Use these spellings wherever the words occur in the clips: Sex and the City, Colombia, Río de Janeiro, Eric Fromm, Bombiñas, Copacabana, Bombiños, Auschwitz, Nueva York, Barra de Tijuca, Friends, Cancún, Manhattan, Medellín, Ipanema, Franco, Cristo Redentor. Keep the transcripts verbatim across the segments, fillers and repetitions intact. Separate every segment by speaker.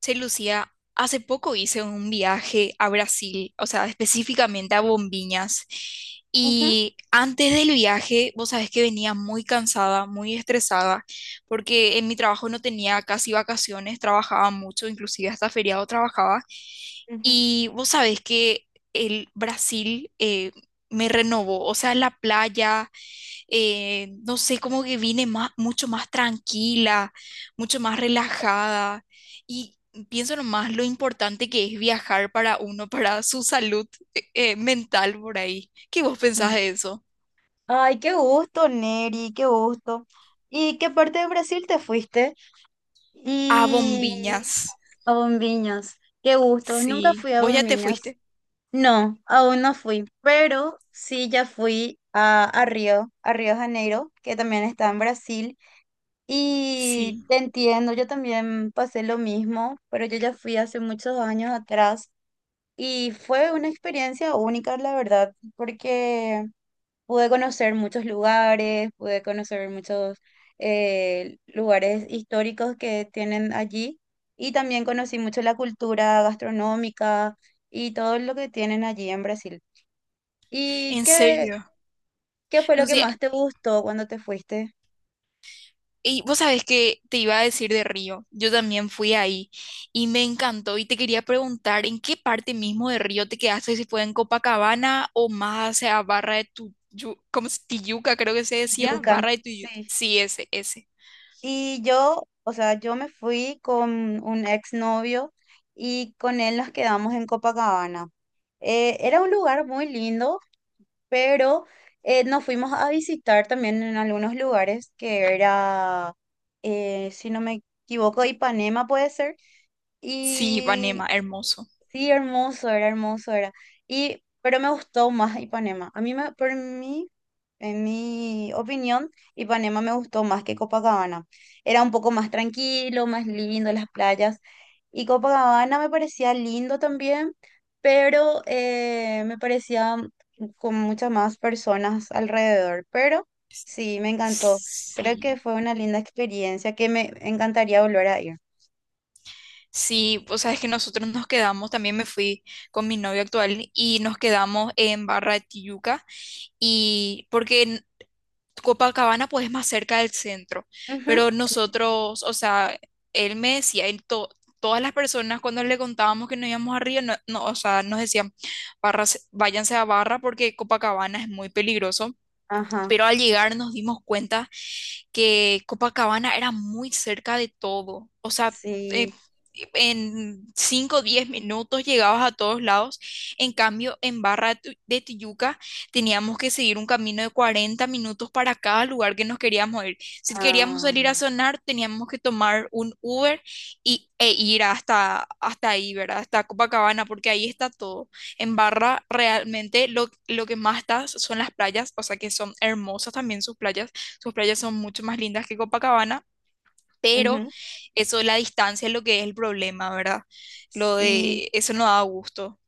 Speaker 1: Che, Lucía, hace poco hice un viaje a Brasil, o sea, específicamente a Bombiñas.
Speaker 2: Ujú,
Speaker 1: Y antes del viaje, vos sabés que venía muy cansada, muy estresada, porque en mi trabajo no tenía casi vacaciones, trabajaba mucho, inclusive hasta feriado trabajaba.
Speaker 2: ujú,
Speaker 1: Y vos sabés que el Brasil eh, me renovó, o sea, la playa, eh, no sé, como que vine más, mucho más tranquila, mucho más relajada. Y pienso nomás lo importante que es viajar para uno, para su salud eh, eh, mental por ahí. ¿Qué vos pensás
Speaker 2: ujú.
Speaker 1: de eso?
Speaker 2: Ay, qué gusto, Neri, qué gusto. ¿Y qué parte de Brasil te fuiste?
Speaker 1: A
Speaker 2: Y
Speaker 1: bombiñas.
Speaker 2: a Bombiños, qué gusto. Nunca
Speaker 1: Sí,
Speaker 2: fui a
Speaker 1: vos ya te
Speaker 2: Bombiños.
Speaker 1: fuiste.
Speaker 2: No, aún no fui, pero sí ya fui a, a Río, a Río de Janeiro, que también está en Brasil. Y
Speaker 1: Sí,
Speaker 2: te entiendo, yo también pasé lo mismo, pero yo ya fui hace muchos años atrás y fue una experiencia única, la verdad, porque pude conocer muchos lugares, pude conocer muchos eh, lugares históricos que tienen allí, y también conocí mucho la cultura gastronómica y todo lo que tienen allí en Brasil. ¿Y
Speaker 1: en
Speaker 2: qué,
Speaker 1: serio.
Speaker 2: ¿qué fue lo que
Speaker 1: Lucy,
Speaker 2: más te gustó cuando te fuiste?
Speaker 1: Y vos sabés que te iba a decir de Río, yo también fui ahí y me encantó y te quería preguntar en qué parte mismo de Río te quedaste, si fue en Copacabana o más hacia Barra de tu, Yu- ¿cómo es? Tijuca, creo que se decía,
Speaker 2: Yuca,
Speaker 1: Barra de
Speaker 2: sí.
Speaker 1: Tijuca, sí, ese, ese.
Speaker 2: Y yo, o sea, yo me fui con un exnovio y con él nos quedamos en Copacabana. Eh, era un lugar muy lindo, pero eh, nos fuimos a visitar también en algunos lugares que era, eh, si no me equivoco, Ipanema puede ser,
Speaker 1: Sí,
Speaker 2: y
Speaker 1: Ipanema, hermoso.
Speaker 2: sí, hermoso era, hermoso era. Y, pero me gustó más Ipanema. A mí, me, por mí, en mi opinión, Ipanema me gustó más que Copacabana. Era un poco más tranquilo, más lindo las playas. Y Copacabana me parecía lindo también, pero eh, me parecía con muchas más personas alrededor. Pero sí, me encantó. Creo que
Speaker 1: Sí.
Speaker 2: fue una linda experiencia que me encantaría volver a ir.
Speaker 1: Sí, o sea, es que nosotros nos quedamos, también me fui con mi novio actual y nos quedamos en Barra de Tijuca y porque en Copacabana pues es más cerca del centro,
Speaker 2: Ujú.
Speaker 1: pero nosotros, o sea, él me decía, él to- todas las personas cuando le contábamos que nos íbamos a Río, no, no, o sea, nos decían, barras, váyanse a Barra porque Copacabana es muy peligroso,
Speaker 2: Ajá,
Speaker 1: pero al llegar nos dimos cuenta que Copacabana era muy cerca de todo. O sea, eh,
Speaker 2: sí.
Speaker 1: en cinco o diez minutos llegabas a todos lados. En cambio, en Barra de Tu- de Tijuca teníamos que seguir un camino de cuarenta minutos para cada lugar que nos queríamos ir. Si queríamos salir a
Speaker 2: Ah.
Speaker 1: sonar, teníamos que tomar un Uber y, e ir hasta, hasta ahí, ¿verdad? Hasta Copacabana, porque ahí está todo. En Barra realmente lo, lo que más está son las playas, o sea que son hermosas también sus playas. Sus playas son mucho más lindas que Copacabana, pero
Speaker 2: Ujú.
Speaker 1: eso de la distancia es lo que es el problema, ¿verdad? Lo
Speaker 2: Sí,
Speaker 1: de eso no da gusto.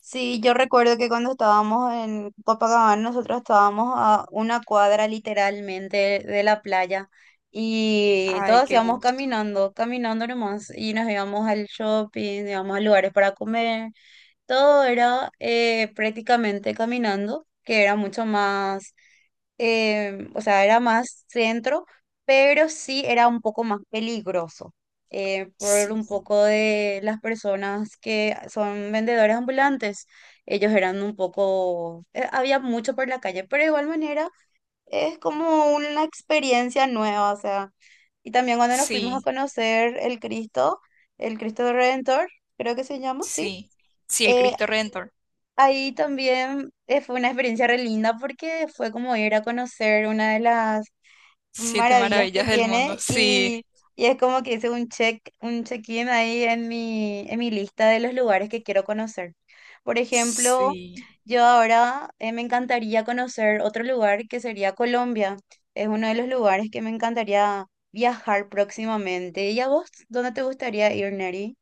Speaker 2: sí, yo recuerdo que cuando estábamos en Copacabana, nosotros estábamos a una cuadra literalmente de la playa y
Speaker 1: Ay,
Speaker 2: todos
Speaker 1: qué
Speaker 2: íbamos
Speaker 1: gusto.
Speaker 2: caminando, caminando nomás y nos íbamos al shopping, íbamos a lugares para comer. Todo era eh, prácticamente caminando, que era mucho más, eh, o sea, era más centro, pero sí era un poco más peligroso, eh, por
Speaker 1: Sí,
Speaker 2: un poco de las personas que son vendedores ambulantes. Ellos eran un poco, eh, había mucho por la calle, pero de igual manera es como una experiencia nueva, o sea, y también cuando nos fuimos a
Speaker 1: sí,
Speaker 2: conocer el Cristo, el Cristo Redentor, creo que se llama, sí.
Speaker 1: sí. Sí, el
Speaker 2: Eh,
Speaker 1: Cristo Redentor.
Speaker 2: Ahí también eh, fue una experiencia re linda porque fue como ir a conocer una de las
Speaker 1: Siete
Speaker 2: maravillas que
Speaker 1: maravillas del mundo.
Speaker 2: tiene,
Speaker 1: Sí,
Speaker 2: y, y es como que hice un check, un check-in ahí en mi, en mi lista de los lugares que quiero conocer. Por ejemplo,
Speaker 1: sí.
Speaker 2: yo ahora eh, me encantaría conocer otro lugar que sería Colombia. Es uno de los lugares que me encantaría viajar próximamente. ¿Y a vos? ¿Dónde te gustaría ir, Neri?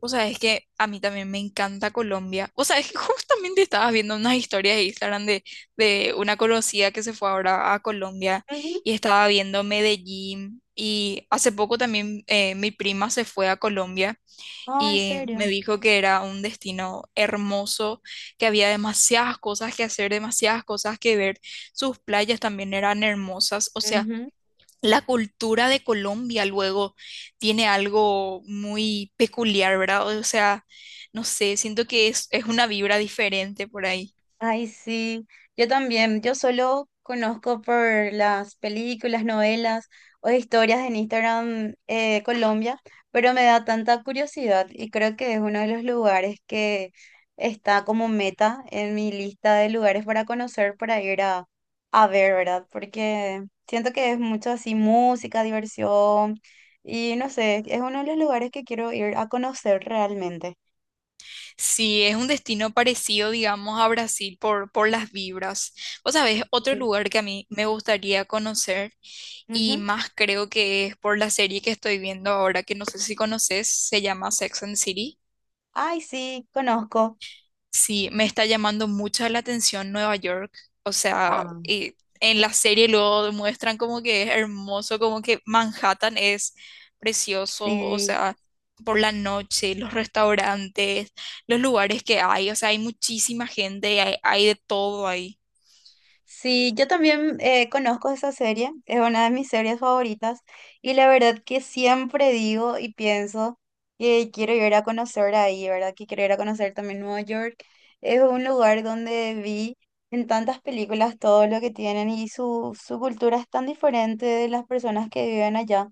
Speaker 1: O sea, es que a mí también me encanta Colombia. O sea, es que justamente estabas viendo unas historias de Instagram de, de una conocida que se fue ahora a Colombia
Speaker 2: Ujú.
Speaker 1: y estaba viendo Medellín. Y hace poco también eh, mi prima se fue a Colombia
Speaker 2: Ah, ¿en
Speaker 1: y me
Speaker 2: serio?
Speaker 1: dijo que era un destino hermoso, que había demasiadas cosas que hacer, demasiadas cosas que ver. Sus playas también eran hermosas. O sea, la cultura de Colombia luego tiene algo muy peculiar, ¿verdad? O sea, no sé, siento que es, es una vibra diferente por ahí.
Speaker 2: Ay, sí, yo también, yo solo conozco por las películas, novelas o historias en Instagram, eh, Colombia, pero me da tanta curiosidad y creo que es uno de los lugares que está como meta en mi lista de lugares para conocer, para ir a, a ver, ¿verdad? Porque siento que es mucho así música, diversión y no sé, es uno de los lugares que quiero ir a conocer realmente.
Speaker 1: Sí, es un destino parecido, digamos, a Brasil por, por las vibras. Vos sabés, otro
Speaker 2: Sí.
Speaker 1: lugar que a mí me gustaría conocer y
Speaker 2: Ujú.
Speaker 1: más creo que es por la serie que estoy viendo ahora, que no sé si conoces, se llama Sex and the City.
Speaker 2: Ay, sí, conozco.
Speaker 1: Sí, me está llamando mucho la atención Nueva York. O sea,
Speaker 2: Ah.
Speaker 1: y en la serie luego demuestran como que es hermoso, como que Manhattan es precioso, o
Speaker 2: Sí,
Speaker 1: sea, por la noche, los restaurantes, los lugares que hay, o sea, hay muchísima gente, hay, hay de todo ahí.
Speaker 2: sí, yo también eh, conozco esa serie, es una de mis series favoritas y la verdad que siempre digo y pienso que quiero ir a conocer ahí, ¿verdad? Que quiero ir a conocer también Nueva York. Es un lugar donde vi en tantas películas todo lo que tienen y su, su cultura es tan diferente de las personas que viven allá,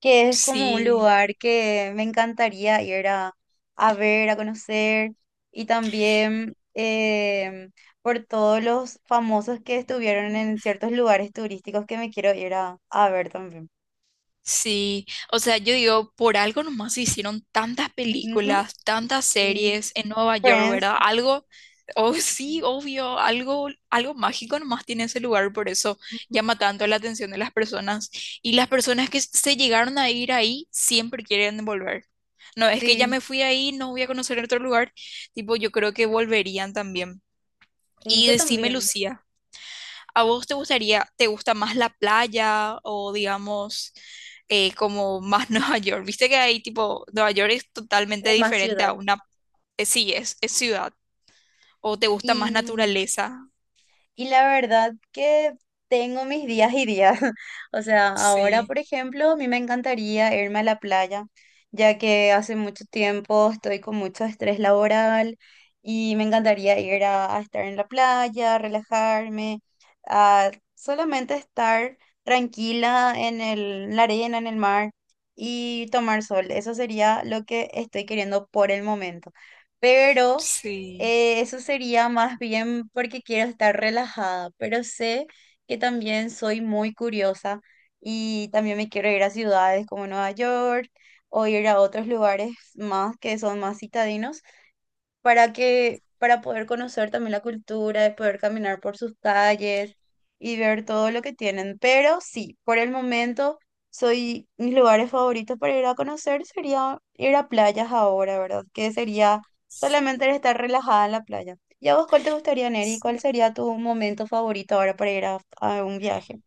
Speaker 2: que es como un
Speaker 1: Sí.
Speaker 2: lugar que me encantaría ir a, a ver, a conocer y también... em, por todos los famosos que estuvieron en ciertos lugares turísticos que me quiero ir a, a ver también.
Speaker 1: Sí, o sea, yo digo, por algo nomás se hicieron tantas
Speaker 2: Ujú.
Speaker 1: películas, tantas
Speaker 2: Sí.
Speaker 1: series en Nueva York,
Speaker 2: Friends.
Speaker 1: ¿verdad? Algo, oh sí, obvio, algo, algo mágico nomás tiene ese lugar, por eso
Speaker 2: Ujú.
Speaker 1: llama tanto la atención de las personas. Y las personas que se llegaron a ir ahí siempre quieren volver. No, es que ya
Speaker 2: Sí.
Speaker 1: me fui ahí, no voy a conocer otro lugar. Tipo, yo creo que volverían también.
Speaker 2: Sí,
Speaker 1: Y
Speaker 2: yo
Speaker 1: decime,
Speaker 2: también.
Speaker 1: Lucía. ¿A vos te gustaría, te gusta más la playa o digamos eh, como más Nueva York? Viste que ahí tipo, Nueva York es totalmente
Speaker 2: Es más
Speaker 1: diferente a
Speaker 2: ciudad.
Speaker 1: una, eh, sí, es, es ciudad. ¿O te gusta más
Speaker 2: y
Speaker 1: naturaleza?
Speaker 2: Y la verdad que tengo mis días y días. O sea, ahora,
Speaker 1: Sí,
Speaker 2: por ejemplo, a mí me encantaría irme a la playa, ya que hace mucho tiempo estoy con mucho estrés laboral y me encantaría ir a, a estar en la playa, relajarme, a solamente estar tranquila en el, en la arena, en el mar y tomar sol. Eso sería lo que estoy queriendo por el momento. Pero
Speaker 1: sí.
Speaker 2: eh, eso sería más bien porque quiero estar relajada, pero sé que también soy muy curiosa y también me quiero ir a ciudades como Nueva York o ir a otros lugares más que son más citadinos para que, para poder conocer también la cultura, de poder caminar por sus calles y ver todo lo que tienen. Pero sí, por el momento, soy, mis lugares favoritos para ir a conocer sería ir a playas ahora, ¿verdad? Que sería solamente el estar relajada en la playa. ¿Y a vos cuál te gustaría, Neri? ¿Cuál sería tu momento favorito ahora para ir a, a un viaje?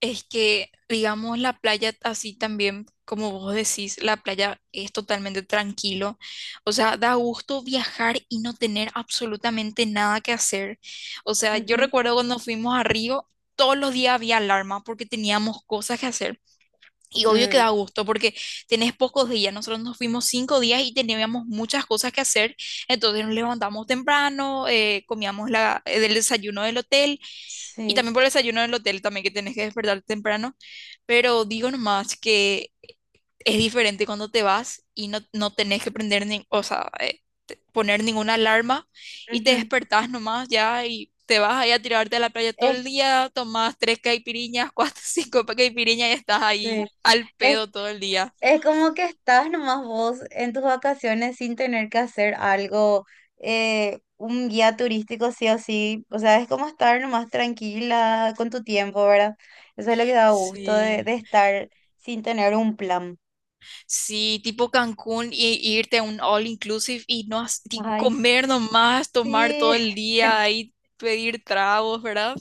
Speaker 1: Es que, digamos, la playa así también, como vos decís, la playa es totalmente tranquilo. O sea, da gusto viajar y no tener absolutamente nada que hacer. O sea, yo
Speaker 2: Ujú.
Speaker 1: recuerdo cuando fuimos a Río, todos los días había alarma porque teníamos cosas que hacer. Y obvio que
Speaker 2: Mm,
Speaker 1: da gusto porque tenés pocos días. Nosotros nos fuimos cinco días y teníamos muchas cosas que hacer. Entonces nos levantamos temprano, eh, comíamos la, el desayuno del hotel, y
Speaker 2: sí.
Speaker 1: también por el desayuno del hotel también que tenés que despertar temprano. Pero digo nomás que es diferente cuando te vas y no, no tenés que prender ni, o sea, eh, te- poner ninguna alarma, y te
Speaker 2: Ujú.
Speaker 1: despertás nomás ya y te vas ahí a tirarte a la playa todo
Speaker 2: Es,
Speaker 1: el día, tomás tres caipiriñas, cuatro, cinco pa- caipiriñas y estás
Speaker 2: sí.
Speaker 1: ahí al
Speaker 2: Es.
Speaker 1: pedo todo el día.
Speaker 2: Es como que estás nomás vos en tus vacaciones sin tener que hacer algo, eh, un guía turístico sí o sí. O sea, es como estar nomás tranquila con tu tiempo, ¿verdad? Eso es lo que da gusto de,
Speaker 1: Sí.
Speaker 2: de estar sin tener un plan.
Speaker 1: Sí, tipo Cancún y, y irte a un all inclusive y no has- y
Speaker 2: Ay,
Speaker 1: comer nomás, tomar todo
Speaker 2: sí.
Speaker 1: el día ahí, pedir tragos, ¿verdad?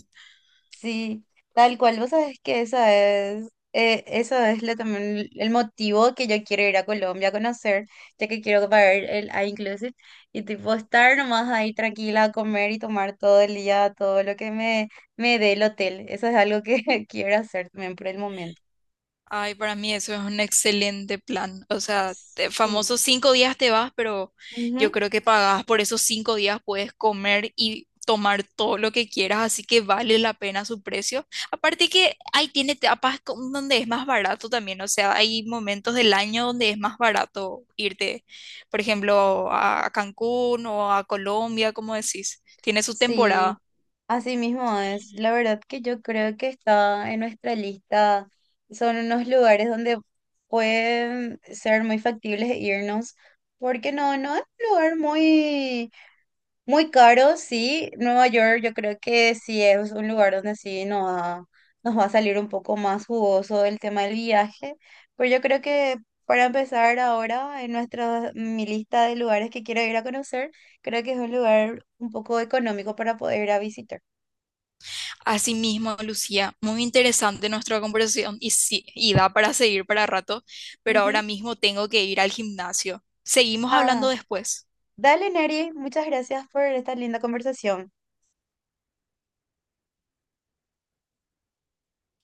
Speaker 2: Sí, tal cual. Vos sabés que esa es, eh, eso es lo, también el motivo que yo quiero ir a Colombia a conocer, ya que quiero pagar el inclusive y tipo estar nomás ahí tranquila a comer y tomar todo el día, todo lo que me, me dé el hotel. Eso es algo que quiero hacer también por el momento.
Speaker 1: Ay, para mí eso es un excelente plan. O sea, te-
Speaker 2: Sí.
Speaker 1: famosos cinco días te vas, pero yo
Speaker 2: Ujú.
Speaker 1: creo que pagás por esos cinco días, puedes comer y tomar todo lo que quieras, así que vale la pena su precio. Aparte que ahí tiene etapas con- donde es más barato también, o sea, hay momentos del año donde es más barato irte, por ejemplo, a a Cancún o a Colombia, como decís. Tiene su
Speaker 2: Sí.
Speaker 1: temporada.
Speaker 2: Así mismo es, la verdad que yo creo que está en nuestra lista, son unos lugares donde pueden ser muy factibles e irnos, porque no, no es un lugar muy, muy caro, sí, Nueva York yo creo que sí es un lugar donde sí nos va, nos va a salir un poco más jugoso el tema del viaje, pero yo creo que para empezar ahora en nuestra, mi lista de lugares que quiero ir a conocer, creo que es un lugar un poco económico para poder ir a visitar.
Speaker 1: Asimismo, Lucía, muy interesante nuestra conversación y sí, y da para seguir para rato, pero
Speaker 2: Ujú.
Speaker 1: ahora mismo tengo que ir al gimnasio. Seguimos
Speaker 2: Ah,
Speaker 1: hablando después.
Speaker 2: dale, Neri, muchas gracias por esta linda conversación.